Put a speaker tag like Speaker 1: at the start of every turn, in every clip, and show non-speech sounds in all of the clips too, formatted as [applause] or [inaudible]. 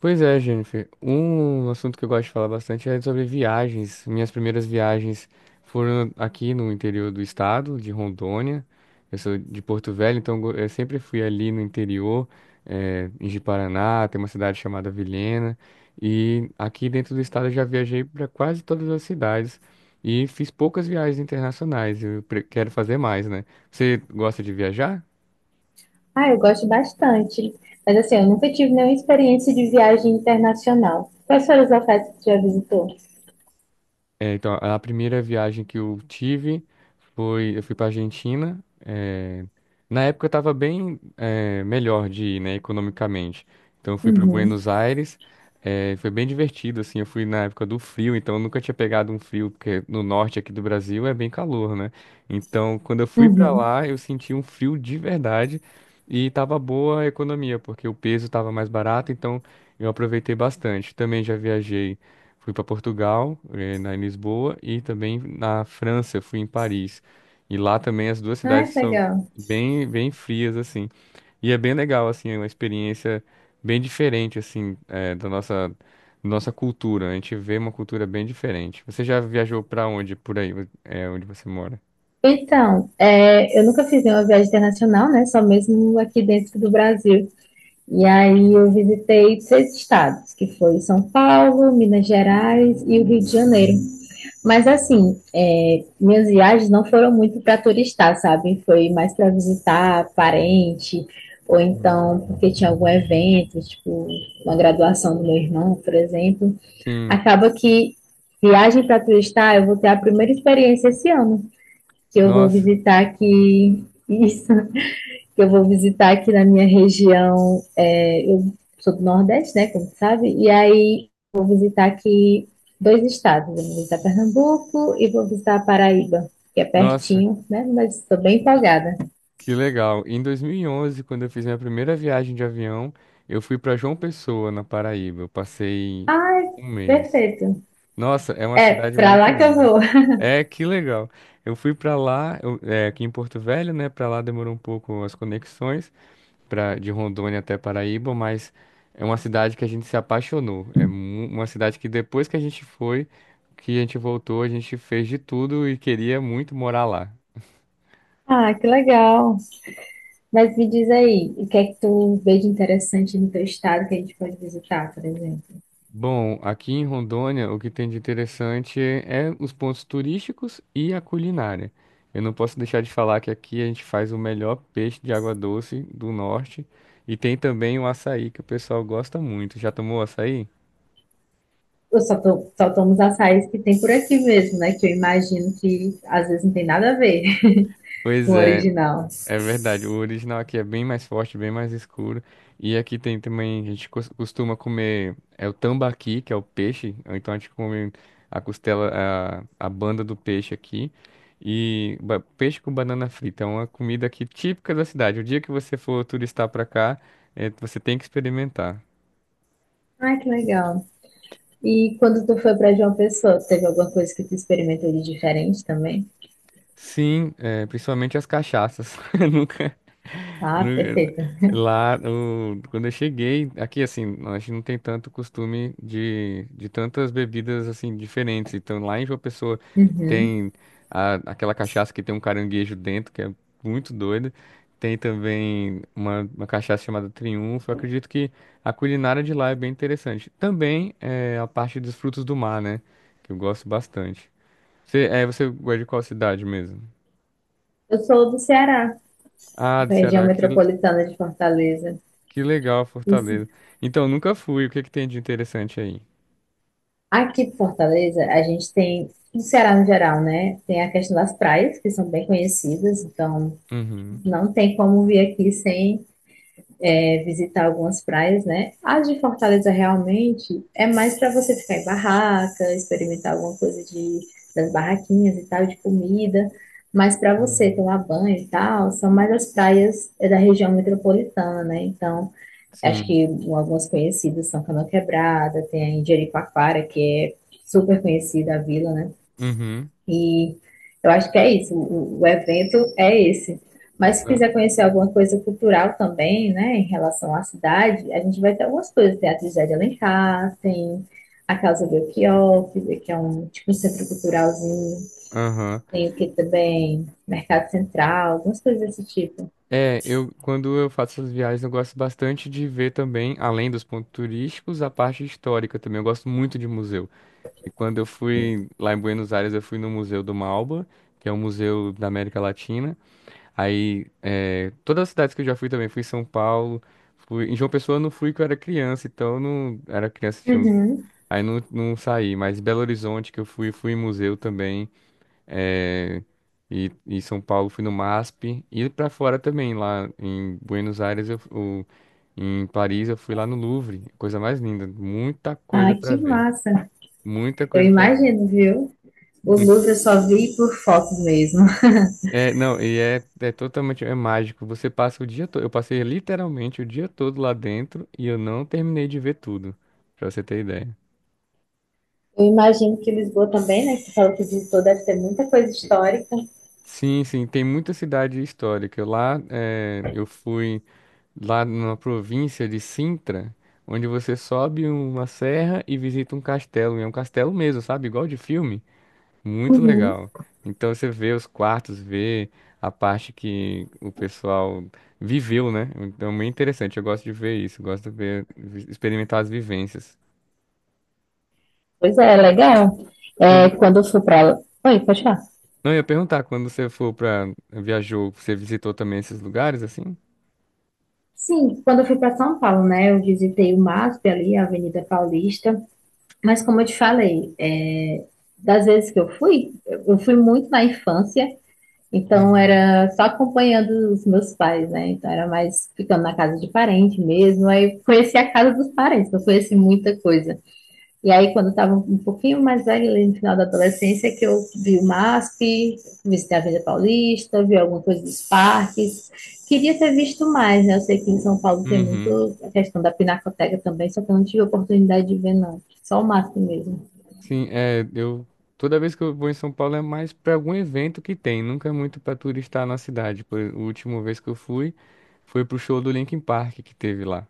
Speaker 1: Pois é, Jennifer. Um assunto que eu gosto de falar bastante é sobre viagens. Minhas primeiras viagens foram aqui no interior do estado, de Rondônia. Eu sou de Porto Velho, então eu sempre fui ali no interior, em Ji-Paraná, tem uma cidade chamada Vilhena. E aqui dentro do estado eu já viajei para quase todas as cidades e fiz poucas viagens internacionais. Eu quero fazer mais, né? Você gosta de viajar?
Speaker 2: Ah, eu gosto bastante. Mas assim, eu nunca tive nenhuma experiência de viagem internacional. Quais foram os locais que tu já visitou?
Speaker 1: É, então, a primeira viagem que eu tive eu fui para Argentina. eh, Na época eu estava bem melhor de ir, né, economicamente. Então eu fui para
Speaker 2: Uhum,
Speaker 1: Buenos Aires. Foi bem divertido, assim. Eu fui na época do frio, então eu nunca tinha pegado um frio, porque no norte aqui do Brasil é bem calor, né? Então, quando eu fui para
Speaker 2: uhum.
Speaker 1: lá, eu senti um frio de verdade e tava boa a economia, porque o peso estava mais barato, então eu aproveitei bastante. Também já viajei. Fui para Portugal, eh, na em Lisboa, e também na França, fui em Paris. E lá também as duas cidades
Speaker 2: Ai, que
Speaker 1: são
Speaker 2: legal.
Speaker 1: bem, bem frias, assim. E é bem legal, assim, é uma experiência bem diferente, assim, da nossa cultura. A gente vê uma cultura bem diferente. Você já viajou para onde, por aí, onde você mora?
Speaker 2: Então, é, eu nunca fiz nenhuma viagem internacional, né? Só mesmo aqui dentro do Brasil. E aí eu visitei seis estados, que foi São Paulo, Minas Gerais e o Rio de Janeiro. Mas assim, é, minhas viagens não foram muito para turistar, sabe? Foi mais para visitar parente, ou então
Speaker 1: Uhum.
Speaker 2: porque tinha algum evento, tipo uma graduação do meu irmão, por exemplo.
Speaker 1: Sim,
Speaker 2: Acaba que viagem para turistar, eu vou ter a primeira experiência esse ano, que eu vou
Speaker 1: nossa,
Speaker 2: visitar aqui isso que eu vou visitar aqui na minha região. É, eu sou do Nordeste, né? Como sabe. E aí vou visitar aqui dois estados. Eu vou visitar Pernambuco e vou visitar a Paraíba, que é
Speaker 1: nossa,
Speaker 2: pertinho, né? Mas estou bem empolgada.
Speaker 1: que legal. Em 2011, quando eu fiz minha primeira viagem de avião, eu fui para João Pessoa, na Paraíba. Eu passei
Speaker 2: Ai,
Speaker 1: um mês.
Speaker 2: perfeito.
Speaker 1: Nossa, é uma
Speaker 2: É,
Speaker 1: cidade
Speaker 2: pra
Speaker 1: muito
Speaker 2: lá que eu
Speaker 1: linda.
Speaker 2: vou. [laughs]
Speaker 1: É, que legal. Eu fui para lá, é, aqui em Porto Velho, né? Para lá demorou um pouco as conexões pra, de Rondônia até Paraíba, mas é uma cidade que a gente se apaixonou. É uma cidade que depois que a gente foi, que a gente voltou, a gente fez de tudo e queria muito morar lá.
Speaker 2: Ah, que legal. Mas me diz aí, o que é que tu vê de interessante no teu estado que a gente pode visitar, por exemplo?
Speaker 1: Bom, aqui em Rondônia, o que tem de interessante é os pontos turísticos e a culinária. Eu não posso deixar de falar que aqui a gente faz o melhor peixe de água doce do norte e tem também o açaí que o pessoal gosta muito. Já tomou açaí?
Speaker 2: Eu só tomo os açaís que tem por aqui mesmo, né? Que eu imagino que às vezes não tem nada a ver.
Speaker 1: Pois
Speaker 2: No
Speaker 1: é.
Speaker 2: original.
Speaker 1: É verdade, o original aqui é bem mais forte, bem mais escuro. E aqui tem também, a gente costuma comer, é o tambaqui, que é o peixe, ou então a gente come a costela, a banda do peixe aqui. E peixe com banana frita, é uma comida aqui típica da cidade. O dia que você for turistar pra cá, você tem que experimentar.
Speaker 2: Ai, que legal. E quando tu foi para João Pessoa, teve alguma coisa que tu experimentou de diferente também?
Speaker 1: Sim, é, principalmente as cachaças. [laughs] Nunca,
Speaker 2: Ah,
Speaker 1: nunca- nu-
Speaker 2: perfeita.
Speaker 1: lá, quando eu cheguei, aqui assim, a gente não tem tanto costume de tantas bebidas assim diferentes. Então lá em João Pessoa
Speaker 2: Uhum.
Speaker 1: tem aquela cachaça que tem um caranguejo dentro, que é muito doida. Tem também uma cachaça chamada Triunfo. Eu acredito que a culinária de lá é bem interessante. Também é, a parte dos frutos do mar, né? Que eu gosto bastante. Você gosta de qual cidade mesmo?
Speaker 2: Eu sou do Ceará,
Speaker 1: Ah, do
Speaker 2: da região
Speaker 1: Ceará, que,
Speaker 2: metropolitana de Fortaleza.
Speaker 1: que legal,
Speaker 2: Isso.
Speaker 1: Fortaleza. Então, nunca fui. O que que tem de interessante aí?
Speaker 2: Aqui em Fortaleza, a gente tem, no Ceará no geral, né? Tem a questão das praias, que são bem conhecidas, então
Speaker 1: Uhum,
Speaker 2: não tem como vir aqui sem é visitar algumas praias, né? A de Fortaleza realmente é mais para você ficar em barraca, experimentar alguma coisa de, das barraquinhas e tal, de comida. Mas para você
Speaker 1: uhum.
Speaker 2: tomar banho e tal, são mais as praias é, da região metropolitana, né? Então, acho
Speaker 1: Sim.
Speaker 2: que algumas conhecidas são Canoa Quebrada, tem a Jericoacoara, que é super conhecida a vila, né?
Speaker 1: Uhum.
Speaker 2: E eu acho que é isso, o evento é esse. Mas se
Speaker 1: Ah,
Speaker 2: quiser conhecer alguma coisa cultural também, né, em relação à cidade, a gente vai ter algumas coisas. Tem a Trindade de Alencar, tem a Casa Belchior, que é um tipo um centro culturalzinho.
Speaker 1: aham.
Speaker 2: Tem o que também? Mercado Central, algumas coisas desse tipo.
Speaker 1: É, eu quando eu faço essas viagens, eu gosto bastante de ver também, além dos pontos turísticos, a parte histórica também. Eu gosto muito de museu. E quando eu fui lá em Buenos Aires, eu fui no Museu do Malba, que é um museu da América Latina. Aí, é, todas as cidades que eu já fui também, fui em São Paulo, em João Pessoa eu não fui que eu era criança, então eu não era criança,
Speaker 2: Uhum.
Speaker 1: aí não, não saí, mas Belo Horizonte que eu fui, fui em museu também, é, e São Paulo fui no MASP, e pra fora também, lá em Buenos Aires, em Paris eu fui lá no Louvre, coisa mais linda, muita
Speaker 2: Ah,
Speaker 1: coisa pra
Speaker 2: que
Speaker 1: ver,
Speaker 2: massa!
Speaker 1: muita
Speaker 2: Eu
Speaker 1: coisa pra ver.
Speaker 2: imagino, viu? O Louvre eu só vi por fotos mesmo.
Speaker 1: É, não, e é, é totalmente mágico. Você passa o dia todo. Eu passei literalmente o dia todo lá dentro e eu não terminei de ver tudo, pra você ter ideia.
Speaker 2: Eu imagino que Lisboa também, né? Que você falou que visitou, deve ter muita coisa histórica.
Speaker 1: Sim, sim, tem muita cidade histórica. Lá, eu fui lá numa província de Sintra, onde você sobe uma serra e visita um castelo. E é um castelo mesmo, sabe? Igual de filme. Muito
Speaker 2: Uhum.
Speaker 1: legal. Então você vê os quartos, vê a parte que o pessoal viveu, né? Então, muito interessante. Eu gosto de ver isso, gosto de ver, experimentar as vivências.
Speaker 2: Pois é, legal. É,
Speaker 1: Quando,
Speaker 2: quando eu fui para. Oi, pode falar.
Speaker 1: não, eu ia perguntar, quando você for para viajou, você visitou também esses lugares assim?
Speaker 2: Sim, quando eu fui para São Paulo, né, eu visitei o MASP ali, a Avenida Paulista, mas como eu te falei, é, das vezes que eu fui muito na infância, então
Speaker 1: Uhum.
Speaker 2: era só acompanhando os meus pais, né, então era mais ficando na casa de parente mesmo, aí conheci a casa dos parentes, não conheci muita coisa. E aí, quando estava um pouquinho mais velho, ali no final da adolescência, que eu vi o MASP, visitei a Avenida Paulista, vi alguma coisa dos parques. Queria ter visto mais, né? Eu sei que em São Paulo tem
Speaker 1: Uhum.
Speaker 2: muito a questão da pinacoteca também, só que eu não tive a oportunidade de ver, não. Só o MASP mesmo.
Speaker 1: Sim, é, eu toda vez que eu vou em São Paulo é mais para algum evento que tem, nunca é muito para turistar na cidade. A última vez que eu fui foi pro show do Linkin Park que teve lá.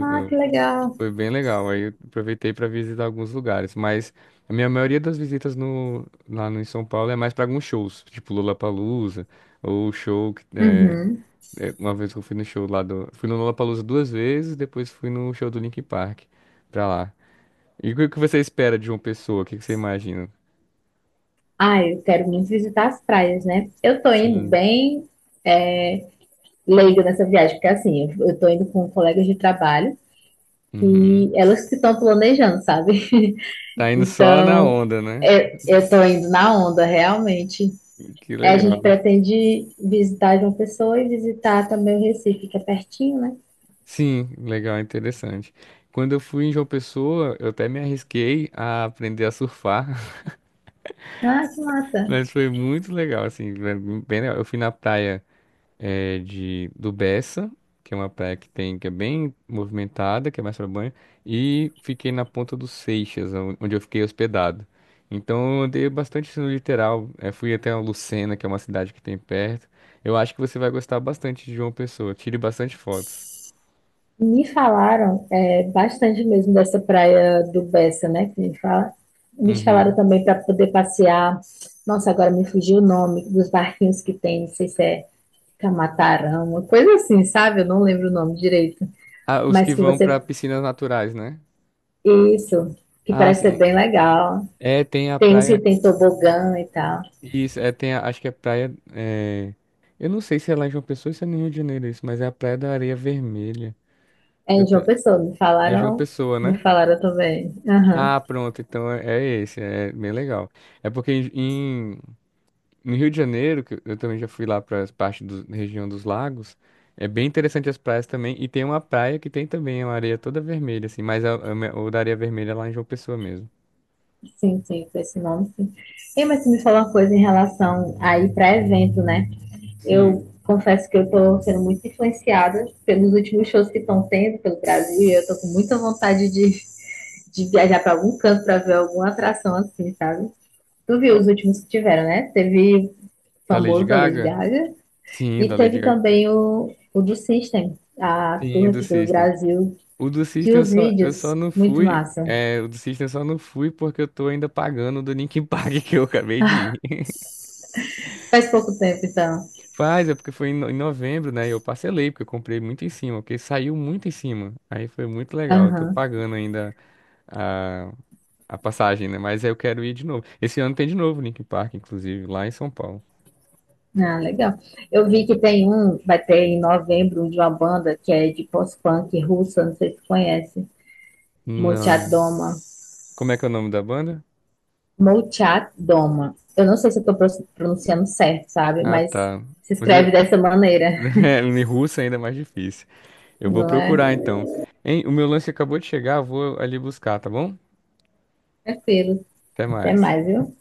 Speaker 2: Ah, que legal.
Speaker 1: Foi bem legal. Aí eu aproveitei para visitar alguns lugares, mas a minha maioria das visitas no, lá no, em São Paulo é mais para alguns shows, tipo Lollapalooza, ou show que é,
Speaker 2: Uhum.
Speaker 1: uma vez que eu fui no show fui no Lollapalooza duas vezes, depois fui no show do Linkin Park pra lá. E o que que você espera de uma pessoa? O que que você imagina?
Speaker 2: Ah, eu quero muito visitar as praias, né? Eu tô indo
Speaker 1: Sim.
Speaker 2: bem leigo nessa viagem, porque assim, eu tô indo com colegas de trabalho e
Speaker 1: Uhum.
Speaker 2: elas que estão planejando, sabe?
Speaker 1: Tá indo só na
Speaker 2: Então,
Speaker 1: onda, né?
Speaker 2: é, eu estou indo na onda, realmente.
Speaker 1: Que
Speaker 2: É, a gente
Speaker 1: legal.
Speaker 2: pretende visitar João Pessoa e visitar também o Recife, que é pertinho, né?
Speaker 1: Sim, legal, interessante. Quando eu fui em João Pessoa, eu até me arrisquei a aprender a surfar.
Speaker 2: Ah, que massa!
Speaker 1: Mas foi muito legal, assim, foi bem legal. Eu fui na praia eh, de do Bessa, que é uma praia que tem, que é bem movimentada, que é mais para banho, e fiquei na Ponta dos Seixas, onde eu fiquei hospedado. Então eu andei bastante assim, no litoral, fui até a Lucena, que é uma cidade que tem perto. Eu acho que você vai gostar bastante de João Pessoa, tire bastante fotos.
Speaker 2: Me falaram é, bastante mesmo dessa praia do Bessa, né? Que me fala. Me falaram
Speaker 1: Uhum.
Speaker 2: também para poder passear. Nossa, agora me fugiu o nome dos barquinhos que tem, não sei se é Camatarão, uma coisa assim, sabe? Eu não lembro o nome direito.
Speaker 1: Ah, os que
Speaker 2: Mas que
Speaker 1: vão
Speaker 2: você.
Speaker 1: para piscinas naturais, né?
Speaker 2: Isso, que
Speaker 1: Ah,
Speaker 2: parece ser
Speaker 1: sim.
Speaker 2: bem legal.
Speaker 1: É, tem a
Speaker 2: Tem se
Speaker 1: praia.
Speaker 2: tem tobogã e tal.
Speaker 1: Isso, é, tem, acho que é praia. É, eu não sei se é lá em João Pessoa ou se é no Rio de Janeiro isso, mas é a Praia da Areia Vermelha.
Speaker 2: É
Speaker 1: Eu
Speaker 2: em
Speaker 1: tô-
Speaker 2: João Pessoa,
Speaker 1: é João Pessoa,
Speaker 2: me
Speaker 1: né?
Speaker 2: falaram também. Aham,
Speaker 1: Ah, pronto, então é esse, é bem legal. É porque no Rio de Janeiro, que eu também já fui lá para as partes da região dos lagos, é bem interessante as praias também. E tem uma praia que tem também uma areia toda vermelha, assim, mas o da Areia Vermelha é lá em João Pessoa mesmo.
Speaker 2: sim, sim, com esse nome, sim. E mas tu me falou uma coisa em relação aí para evento, né?
Speaker 1: Sim.
Speaker 2: Eu confesso que eu tô sendo muito influenciada pelos últimos shows que estão tendo pelo Brasil, e eu tô com muita vontade de, viajar para algum canto para ver alguma atração assim, sabe? Tu viu
Speaker 1: Ó,
Speaker 2: os últimos que tiveram, né? Teve o
Speaker 1: da Lady
Speaker 2: famoso da Lady
Speaker 1: Gaga?
Speaker 2: Gaga
Speaker 1: Sim,
Speaker 2: e
Speaker 1: da Lady
Speaker 2: teve
Speaker 1: Gaga.
Speaker 2: também o do System, a tour
Speaker 1: Sim, do
Speaker 2: aqui pelo
Speaker 1: System.
Speaker 2: Brasil
Speaker 1: O do
Speaker 2: que
Speaker 1: System eu
Speaker 2: os
Speaker 1: só, eu só
Speaker 2: vídeos,
Speaker 1: não
Speaker 2: muito
Speaker 1: fui.
Speaker 2: massa.
Speaker 1: É, o do System eu só não fui porque eu tô ainda pagando o do Linkin Park [laughs] que eu acabei de ir. [laughs]
Speaker 2: Faz pouco tempo, então.
Speaker 1: Faz, é porque foi em novembro, né? E eu parcelei, porque eu comprei muito em cima, porque saiu muito em cima. Aí foi muito legal. Eu tô
Speaker 2: Aham.
Speaker 1: pagando ainda a, a passagem, né? Mas aí eu quero ir de novo. Esse ano tem de novo o Linkin Park, inclusive, lá em São Paulo.
Speaker 2: Ah, legal. Eu vi que tem um, vai ter em novembro, um de uma banda que é de post-punk russa, não sei se tu conhece.
Speaker 1: Não.
Speaker 2: Molchadoma.
Speaker 1: Como é que é o nome da banda?
Speaker 2: Molchadoma. Eu não sei se eu tô pronunciando certo, sabe?
Speaker 1: Ah,
Speaker 2: Mas
Speaker 1: tá.
Speaker 2: se
Speaker 1: Mas
Speaker 2: escreve
Speaker 1: eu.
Speaker 2: dessa maneira,
Speaker 1: [laughs] É, em russo ainda é mais difícil. Eu vou
Speaker 2: não é?
Speaker 1: procurar então. Hein, o meu lance acabou de chegar, eu vou ali buscar, tá bom?
Speaker 2: Tranquilo.
Speaker 1: Até
Speaker 2: Até
Speaker 1: mais.
Speaker 2: mais, viu?